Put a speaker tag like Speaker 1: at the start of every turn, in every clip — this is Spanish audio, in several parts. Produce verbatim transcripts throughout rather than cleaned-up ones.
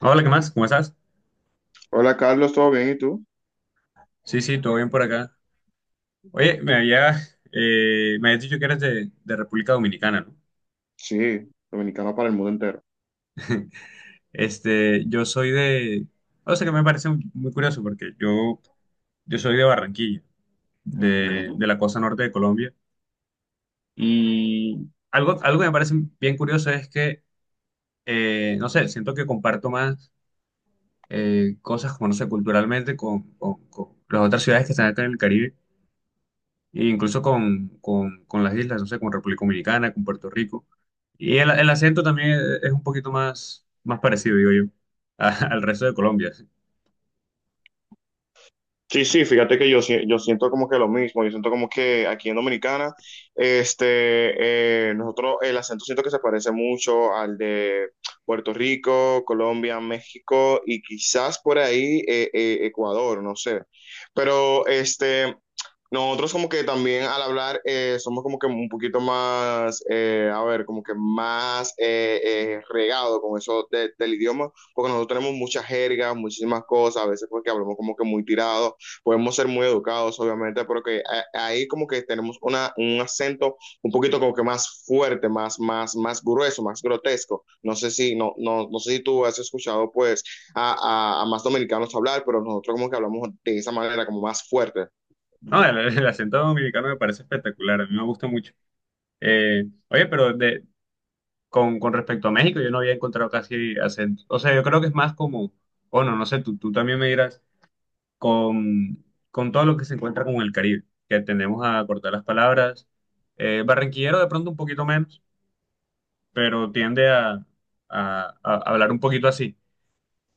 Speaker 1: Hola, ¿qué más? ¿Cómo estás?
Speaker 2: Hola Carlos, ¿todo bien? ¿Y tú?
Speaker 1: Sí, sí, todo bien por acá. Oye, me había, eh, me habías dicho que eres de, de República Dominicana, ¿no?
Speaker 2: Sí, dominicano para el mundo entero.
Speaker 1: Este, yo soy de, o sea, que me parece muy muy curioso porque yo, yo soy de Barranquilla, de, de la costa norte de Colombia, y algo, algo que me parece bien curioso es que, eh, no sé, siento que comparto más eh, cosas como, no sé, culturalmente con, con- con las otras ciudades que están acá en el Caribe e incluso con, con, con las islas, no sé, con República Dominicana, con Puerto Rico. Y el, el acento también e, es un poquito más, más parecido, digo yo, a- al resto de Colombia.
Speaker 2: Sí, sí, fíjate que yo, si- yo siento como que lo mismo, yo siento como que aquí en Dominicana, este, eh, nosotros el acento siento que se parece mucho al de Puerto Rico, Colombia, México y quizás por ahí eh, eh, Ecuador, no sé. Pero este, nosotros como que también al hablar eh, somos como que un poquito más, eh, a ver, como que más eh, eh, regado con eso de- del idioma, porque nosotros tenemos mucha jerga, muchísimas cosas, a veces porque hablamos como que muy tirado, podemos ser muy educados, obviamente, pero que a- ahí como que tenemos una, un acento un poquito como que más fuerte, más, más, más grueso, más grotesco. No sé si, no, no, no sé si tú has escuchado pues a, a, a más dominicanos hablar, pero nosotros como que hablamos de esa manera como más fuerte.
Speaker 1: No, el, el acento dominicano me parece espectacular, a mí me gusta mucho. Eh, oye, pero de, con, con respecto a México, yo no había encontrado casi acento. O sea, yo creo que es más como, bueno, no sé, tú, tú también me dirás, con, con todo lo que se encuentra con el Caribe, que tendemos a cortar las palabras. Eh, barranquillero de pronto un poquito menos, pero tiende a, a- a hablar un poquito así,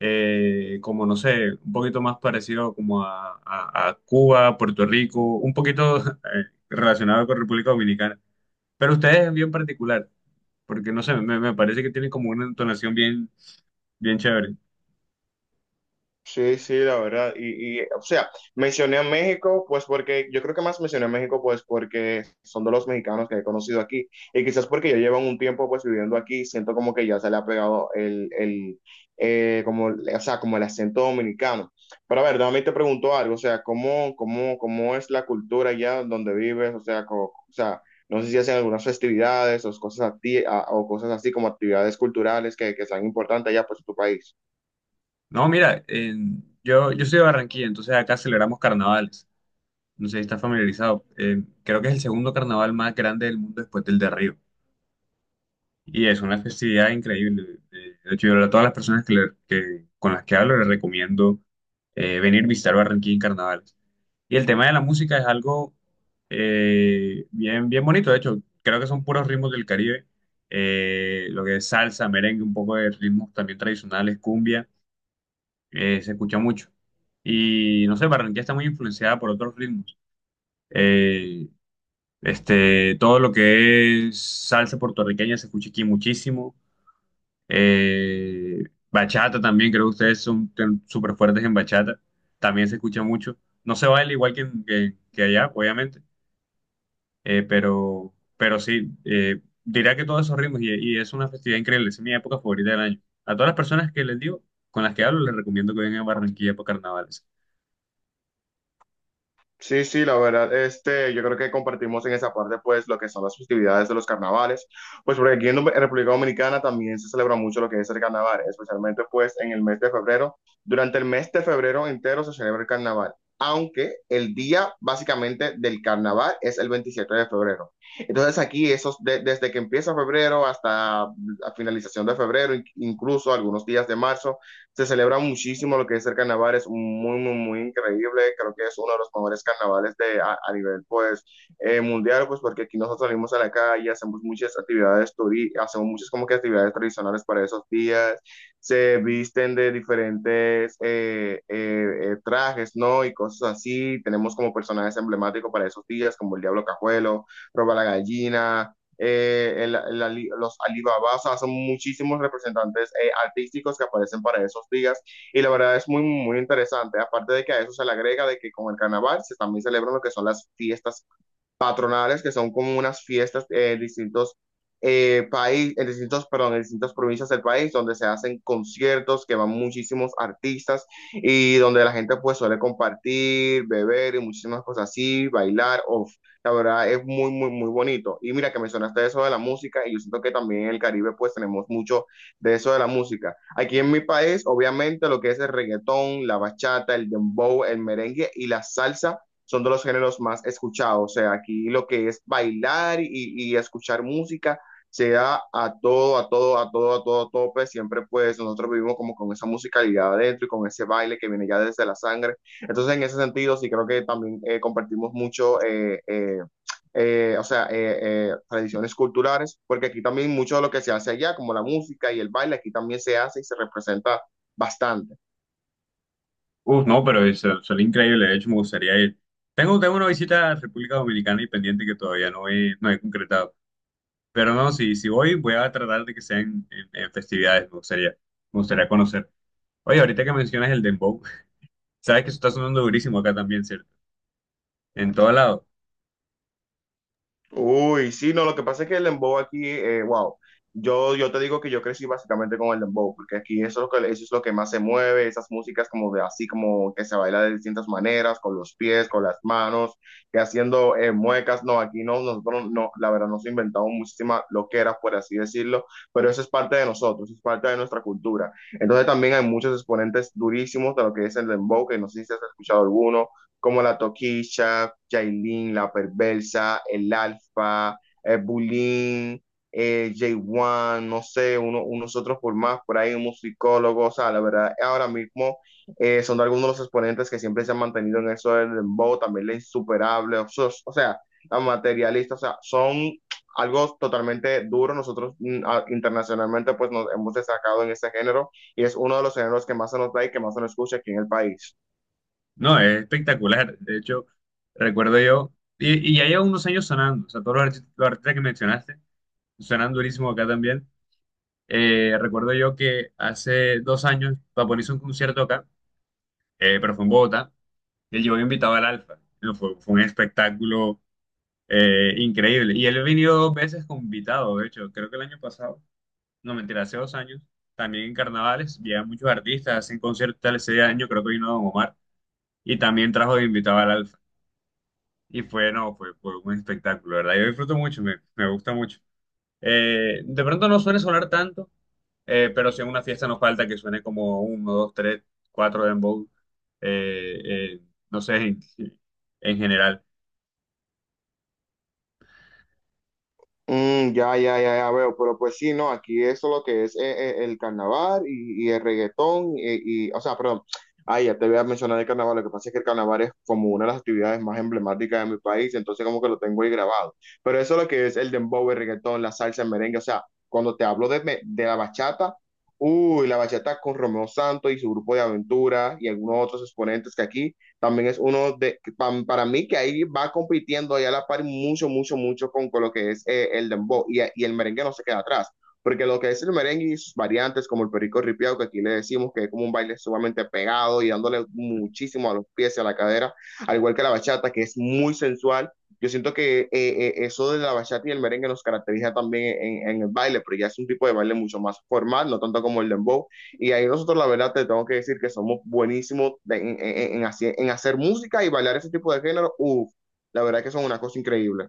Speaker 1: eh, como no sé, un poquito más parecido como a, a- a Cuba, Puerto Rico, un poquito eh, relacionado con República Dominicana. Pero ustedes es bien particular, porque no sé, me, me parece que tienen como una entonación bien, bien chévere.
Speaker 2: Sí, sí, la verdad. Y, y, o sea, mencioné a México, pues porque yo creo que más mencioné a México, pues porque son de los mexicanos que he conocido aquí. Y quizás porque ya llevan un tiempo, pues viviendo aquí, siento como que ya se le ha pegado el, el eh, como, o sea, como el acento dominicano. Pero a ver, también te pregunto algo, o sea, ¿cómo, cómo, cómo es la cultura allá donde vives? O sea, co- o sea, no sé si hacen algunas festividades o cosas, a ti, a- o cosas así como actividades culturales que, que sean importantes allá, pues en tu país.
Speaker 1: No, mira, en- yo, yo soy de Barranquilla, entonces acá celebramos carnavales. No sé si estás familiarizado. Eh, creo que es el segundo carnaval más grande del mundo después del de Río. Y es una festividad increíble. Eh, De hecho, yo a todas las personas que, le- que- con las que hablo les recomiendo eh, venir a visitar Barranquilla en carnavales. Y el tema de la música es algo eh, bien, bien bonito. De hecho, creo que son puros ritmos del Caribe. Eh, lo que es salsa, merengue, un poco de ritmos también tradicionales, cumbia, eh, se escucha mucho. Y no sé, Barranquilla está muy influenciada por otros ritmos. Eh, este, Todo lo que es salsa puertorriqueña se escucha aquí muchísimo, eh, bachata también, creo que ustedes son ten- súper fuertes en bachata. También se escucha mucho. No se baila igual que, en- que, que allá, obviamente, eh, pero, pero sí, eh, diría que todos esos ritmos, y, y es una festividad increíble. Es mi época favorita del año. A todas las personas que les digo, con las que hablo, les recomiendo que vengan a Barranquilla para carnavales.
Speaker 2: Sí, sí, la verdad, este, yo creo que compartimos en esa parte, pues, lo que son las festividades de los carnavales, pues, porque aquí en Dom- en República Dominicana también se celebra mucho lo que es el carnaval, especialmente, pues, en el mes de febrero. Durante el mes de febrero entero se celebra el carnaval, aunque el día, básicamente, del carnaval es el veintisiete de febrero. Entonces, aquí, esos, de- desde que empieza febrero hasta la finalización de febrero, in- incluso algunos días de marzo, se celebra muchísimo lo que es el carnaval, es muy, muy, muy increíble, creo que es uno de los mejores carnavales de, a, a nivel, pues, eh, mundial, pues, porque aquí nosotros salimos a la calle, hacemos muchas actividades, turi- hacemos muchas como que actividades tradicionales para esos días, se visten de diferentes eh, eh, eh, trajes, ¿no? Y cosas así, tenemos como personajes emblemáticos para esos días, como el Diablo Cajuelo, Roba la Gallina, eh, el, el, los Alibaba, o sea, son muchísimos representantes eh, artísticos que aparecen para esos días y la verdad es muy, muy interesante, aparte de que a eso se le agrega de que con el carnaval se también celebran lo que son las fiestas patronales, que son como unas fiestas eh, en distintos eh, países, en distintos, perdón, en distintas provincias del país, donde se hacen conciertos que van muchísimos artistas y donde la gente pues suele compartir, beber y muchísimas cosas así, bailar, uf, la verdad es muy, muy, muy bonito. Y mira que mencionaste eso de la música y yo siento que también en el Caribe pues tenemos mucho de eso de la música. Aquí en mi país, obviamente, lo que es el reggaetón, la bachata, el dembow, el merengue y la salsa son de los géneros más escuchados. O sea, aquí lo que es bailar y, y escuchar música se da a todo, a todo, a todo, a todo tope. Siempre pues nosotros vivimos como con esa musicalidad adentro y con ese baile que viene ya desde la sangre. Entonces en ese sentido sí creo que también eh, compartimos mucho. eh, eh, eh, o sea, eh, eh, tradiciones culturales, porque aquí también mucho de lo que se hace allá, como la música y el baile, aquí también se hace y se representa bastante.
Speaker 1: Uf, no, pero es, son increíble. De hecho, me gustaría ir. Tengo, tengo una visita a República Dominicana y pendiente que todavía no he, no he concretado. Pero no, si, si voy, voy a tratar de que sean en, en festividades, me gustaría, me gustaría conocer. Oye, ahorita que mencionas el dembow, sabes que eso está sonando durísimo acá también, ¿cierto? En todo lado.
Speaker 2: Uy, sí, no, lo que pasa es que el dembow aquí, eh, wow, yo, yo te digo que yo crecí básicamente con el dembow, porque aquí eso es lo que, eso es lo que más se mueve, esas músicas como de así, como que se baila de distintas maneras, con los pies, con las manos, que haciendo eh, muecas, no, aquí no, nosotros no, la verdad nos inventamos muchísimas loqueras, por así decirlo, pero eso es parte de nosotros, es parte de nuestra cultura. Entonces también hay muchos exponentes durísimos de lo que es el dembow, que no sé si has escuchado alguno, como la Toquilla, Jailin, la Perversa, el Alfa, el Bulín, eh, J uno, no sé, uno, unos otros por más, por ahí un musicólogo, o sea, la verdad, ahora mismo eh, son algunos de los exponentes que siempre se han mantenido en eso del dembow, también la insuperable, o, sos- o sea, la materialista, o sea, son algo totalmente duro, nosotros mm, a- internacionalmente pues nos hemos destacado en este género y es uno de los géneros que más se nos da y que más se nos escucha aquí en el país.
Speaker 1: No, es espectacular. De hecho, recuerdo yo, y, y ya lleva unos años sonando, o sea, todos los artistas, los artistas que mencionaste suenan durísimo acá también. Eh, recuerdo yo que hace dos años Bad Bunny hizo un concierto acá, eh, pero fue en Bogotá, y él llevó invitado al Alfa. No, fue, fue un espectáculo Eh, increíble. Y él ha venido dos veces como invitado. De hecho, creo que el año pasado, no, mentira, hace dos años, también en carnavales, llegan muchos artistas, hacen conciertos tal. Ese año, creo que vino Don Omar, y también trajo de invitado al Alfa. Y fue, no, fue, fue un espectáculo, ¿verdad? Yo disfruto mucho, me, me gusta mucho. Eh, de pronto no suele sonar tanto, eh, pero si en una fiesta nos falta que suene como uno, dos, tres, cuatro dembow, eh, eh, no sé, en, en general.
Speaker 2: Mm, ya, ya, ya, ya veo, pero pues sí, no, aquí eso lo que es eh, eh, el carnaval y, y el reggaetón y, y- o sea, perdón, ay, ya te voy a mencionar el carnaval, lo que pasa es que el carnaval es como una de las actividades más emblemáticas de mi país, entonces como que lo tengo ahí grabado, pero eso lo que es el dembow, el reggaetón, la salsa, el merengue, o sea, cuando te hablo de, me- de la bachata, uy, la bachata con Romeo Santos y su grupo de aventura y algunos otros exponentes que aquí también es uno de, pa- para mí que ahí va compitiendo ahí a la par mucho, mucho, mucho con, con lo que es eh, el dembow y, y el merengue no se queda atrás. Porque lo que es el merengue y sus variantes, como el perico ripiao, que aquí le decimos que es como un baile sumamente pegado y dándole muchísimo a los pies y a la cadera, al igual que la bachata, que es muy sensual. Yo siento que eh, eh, eso de la bachata y el merengue nos caracteriza también en, en el baile, pero ya es un tipo de baile mucho más formal, no tanto como el dembow y ahí nosotros, la verdad, te tengo que decir que somos buenísimos de- en, en- en hacer, en hacer música y bailar ese tipo de género. Uf, la verdad que son una cosa increíble.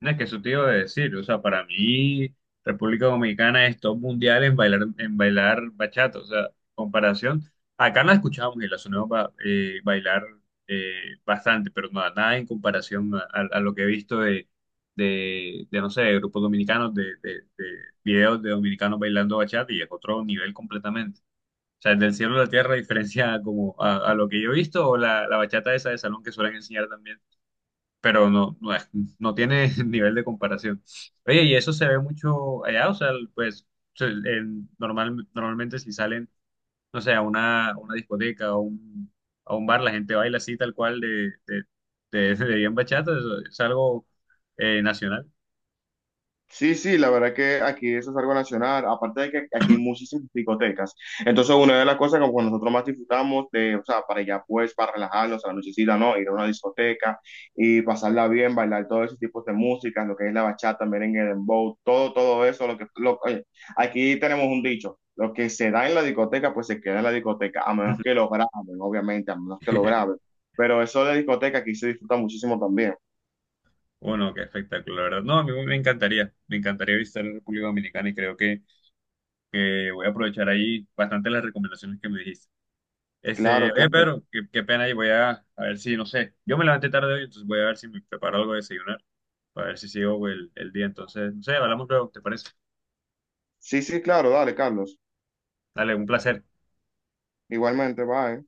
Speaker 1: No, es que eso te iba a decir, o sea, para mí República Dominicana es top mundial en bailar, en bailar bachata, o sea, comparación, acá no la escuchamos y la sonamos ba- eh, bailar eh, bastante, pero nada, nada en comparación a, a- a lo que he visto de, de, de, no sé, de grupos dominicanos, de, de, de videos de dominicanos bailando bachata, y es otro nivel completamente. O sea, del cielo a la tierra diferencia como a, a lo que yo he visto, o la, la bachata esa de salón que suelen enseñar también, pero no, no, es- no tiene nivel de comparación. Oye, y eso se ve mucho allá, o sea, pues se- en- normal, normalmente si salen, no sé, a una, a una discoteca o un, a un bar, la gente baila así tal cual de, de, de, de bien bachata, es, es algo eh, nacional.
Speaker 2: Sí, sí, la verdad que aquí eso es algo nacional, aparte de que aquí hay muchísimas discotecas. Entonces, una de las cosas que pues, nosotros más disfrutamos de, o sea, para ya pues, para relajarnos a la nochecita, ¿no? Ir a una discoteca y pasarla bien, bailar todos esos tipos de música, lo que es la bachata, merengue, dembow, todo, todo eso, lo que, lo- oye, aquí tenemos un dicho, lo que se da en la discoteca, pues se queda en la discoteca, a menos que lo graben, obviamente, a menos que lo graben. Pero eso de discoteca aquí se disfruta muchísimo también.
Speaker 1: Bueno, qué espectáculo, la verdad. No, a mí me encantaría, me encantaría visitar la República Dominicana, y creo que, que voy a aprovechar ahí bastante las recomendaciones que me dijiste. Este,
Speaker 2: Claro,
Speaker 1: oye,
Speaker 2: claro.
Speaker 1: Pedro, qué, qué pena, y voy a, a ver si, no sé, yo me levanté tarde hoy, entonces voy a ver si me preparo algo de desayunar, para ver si sigo el, el día. Entonces, no sé, hablamos luego, ¿te parece?
Speaker 2: Sí, sí, claro, dale, Carlos.
Speaker 1: Dale, un placer.
Speaker 2: Igualmente, bye.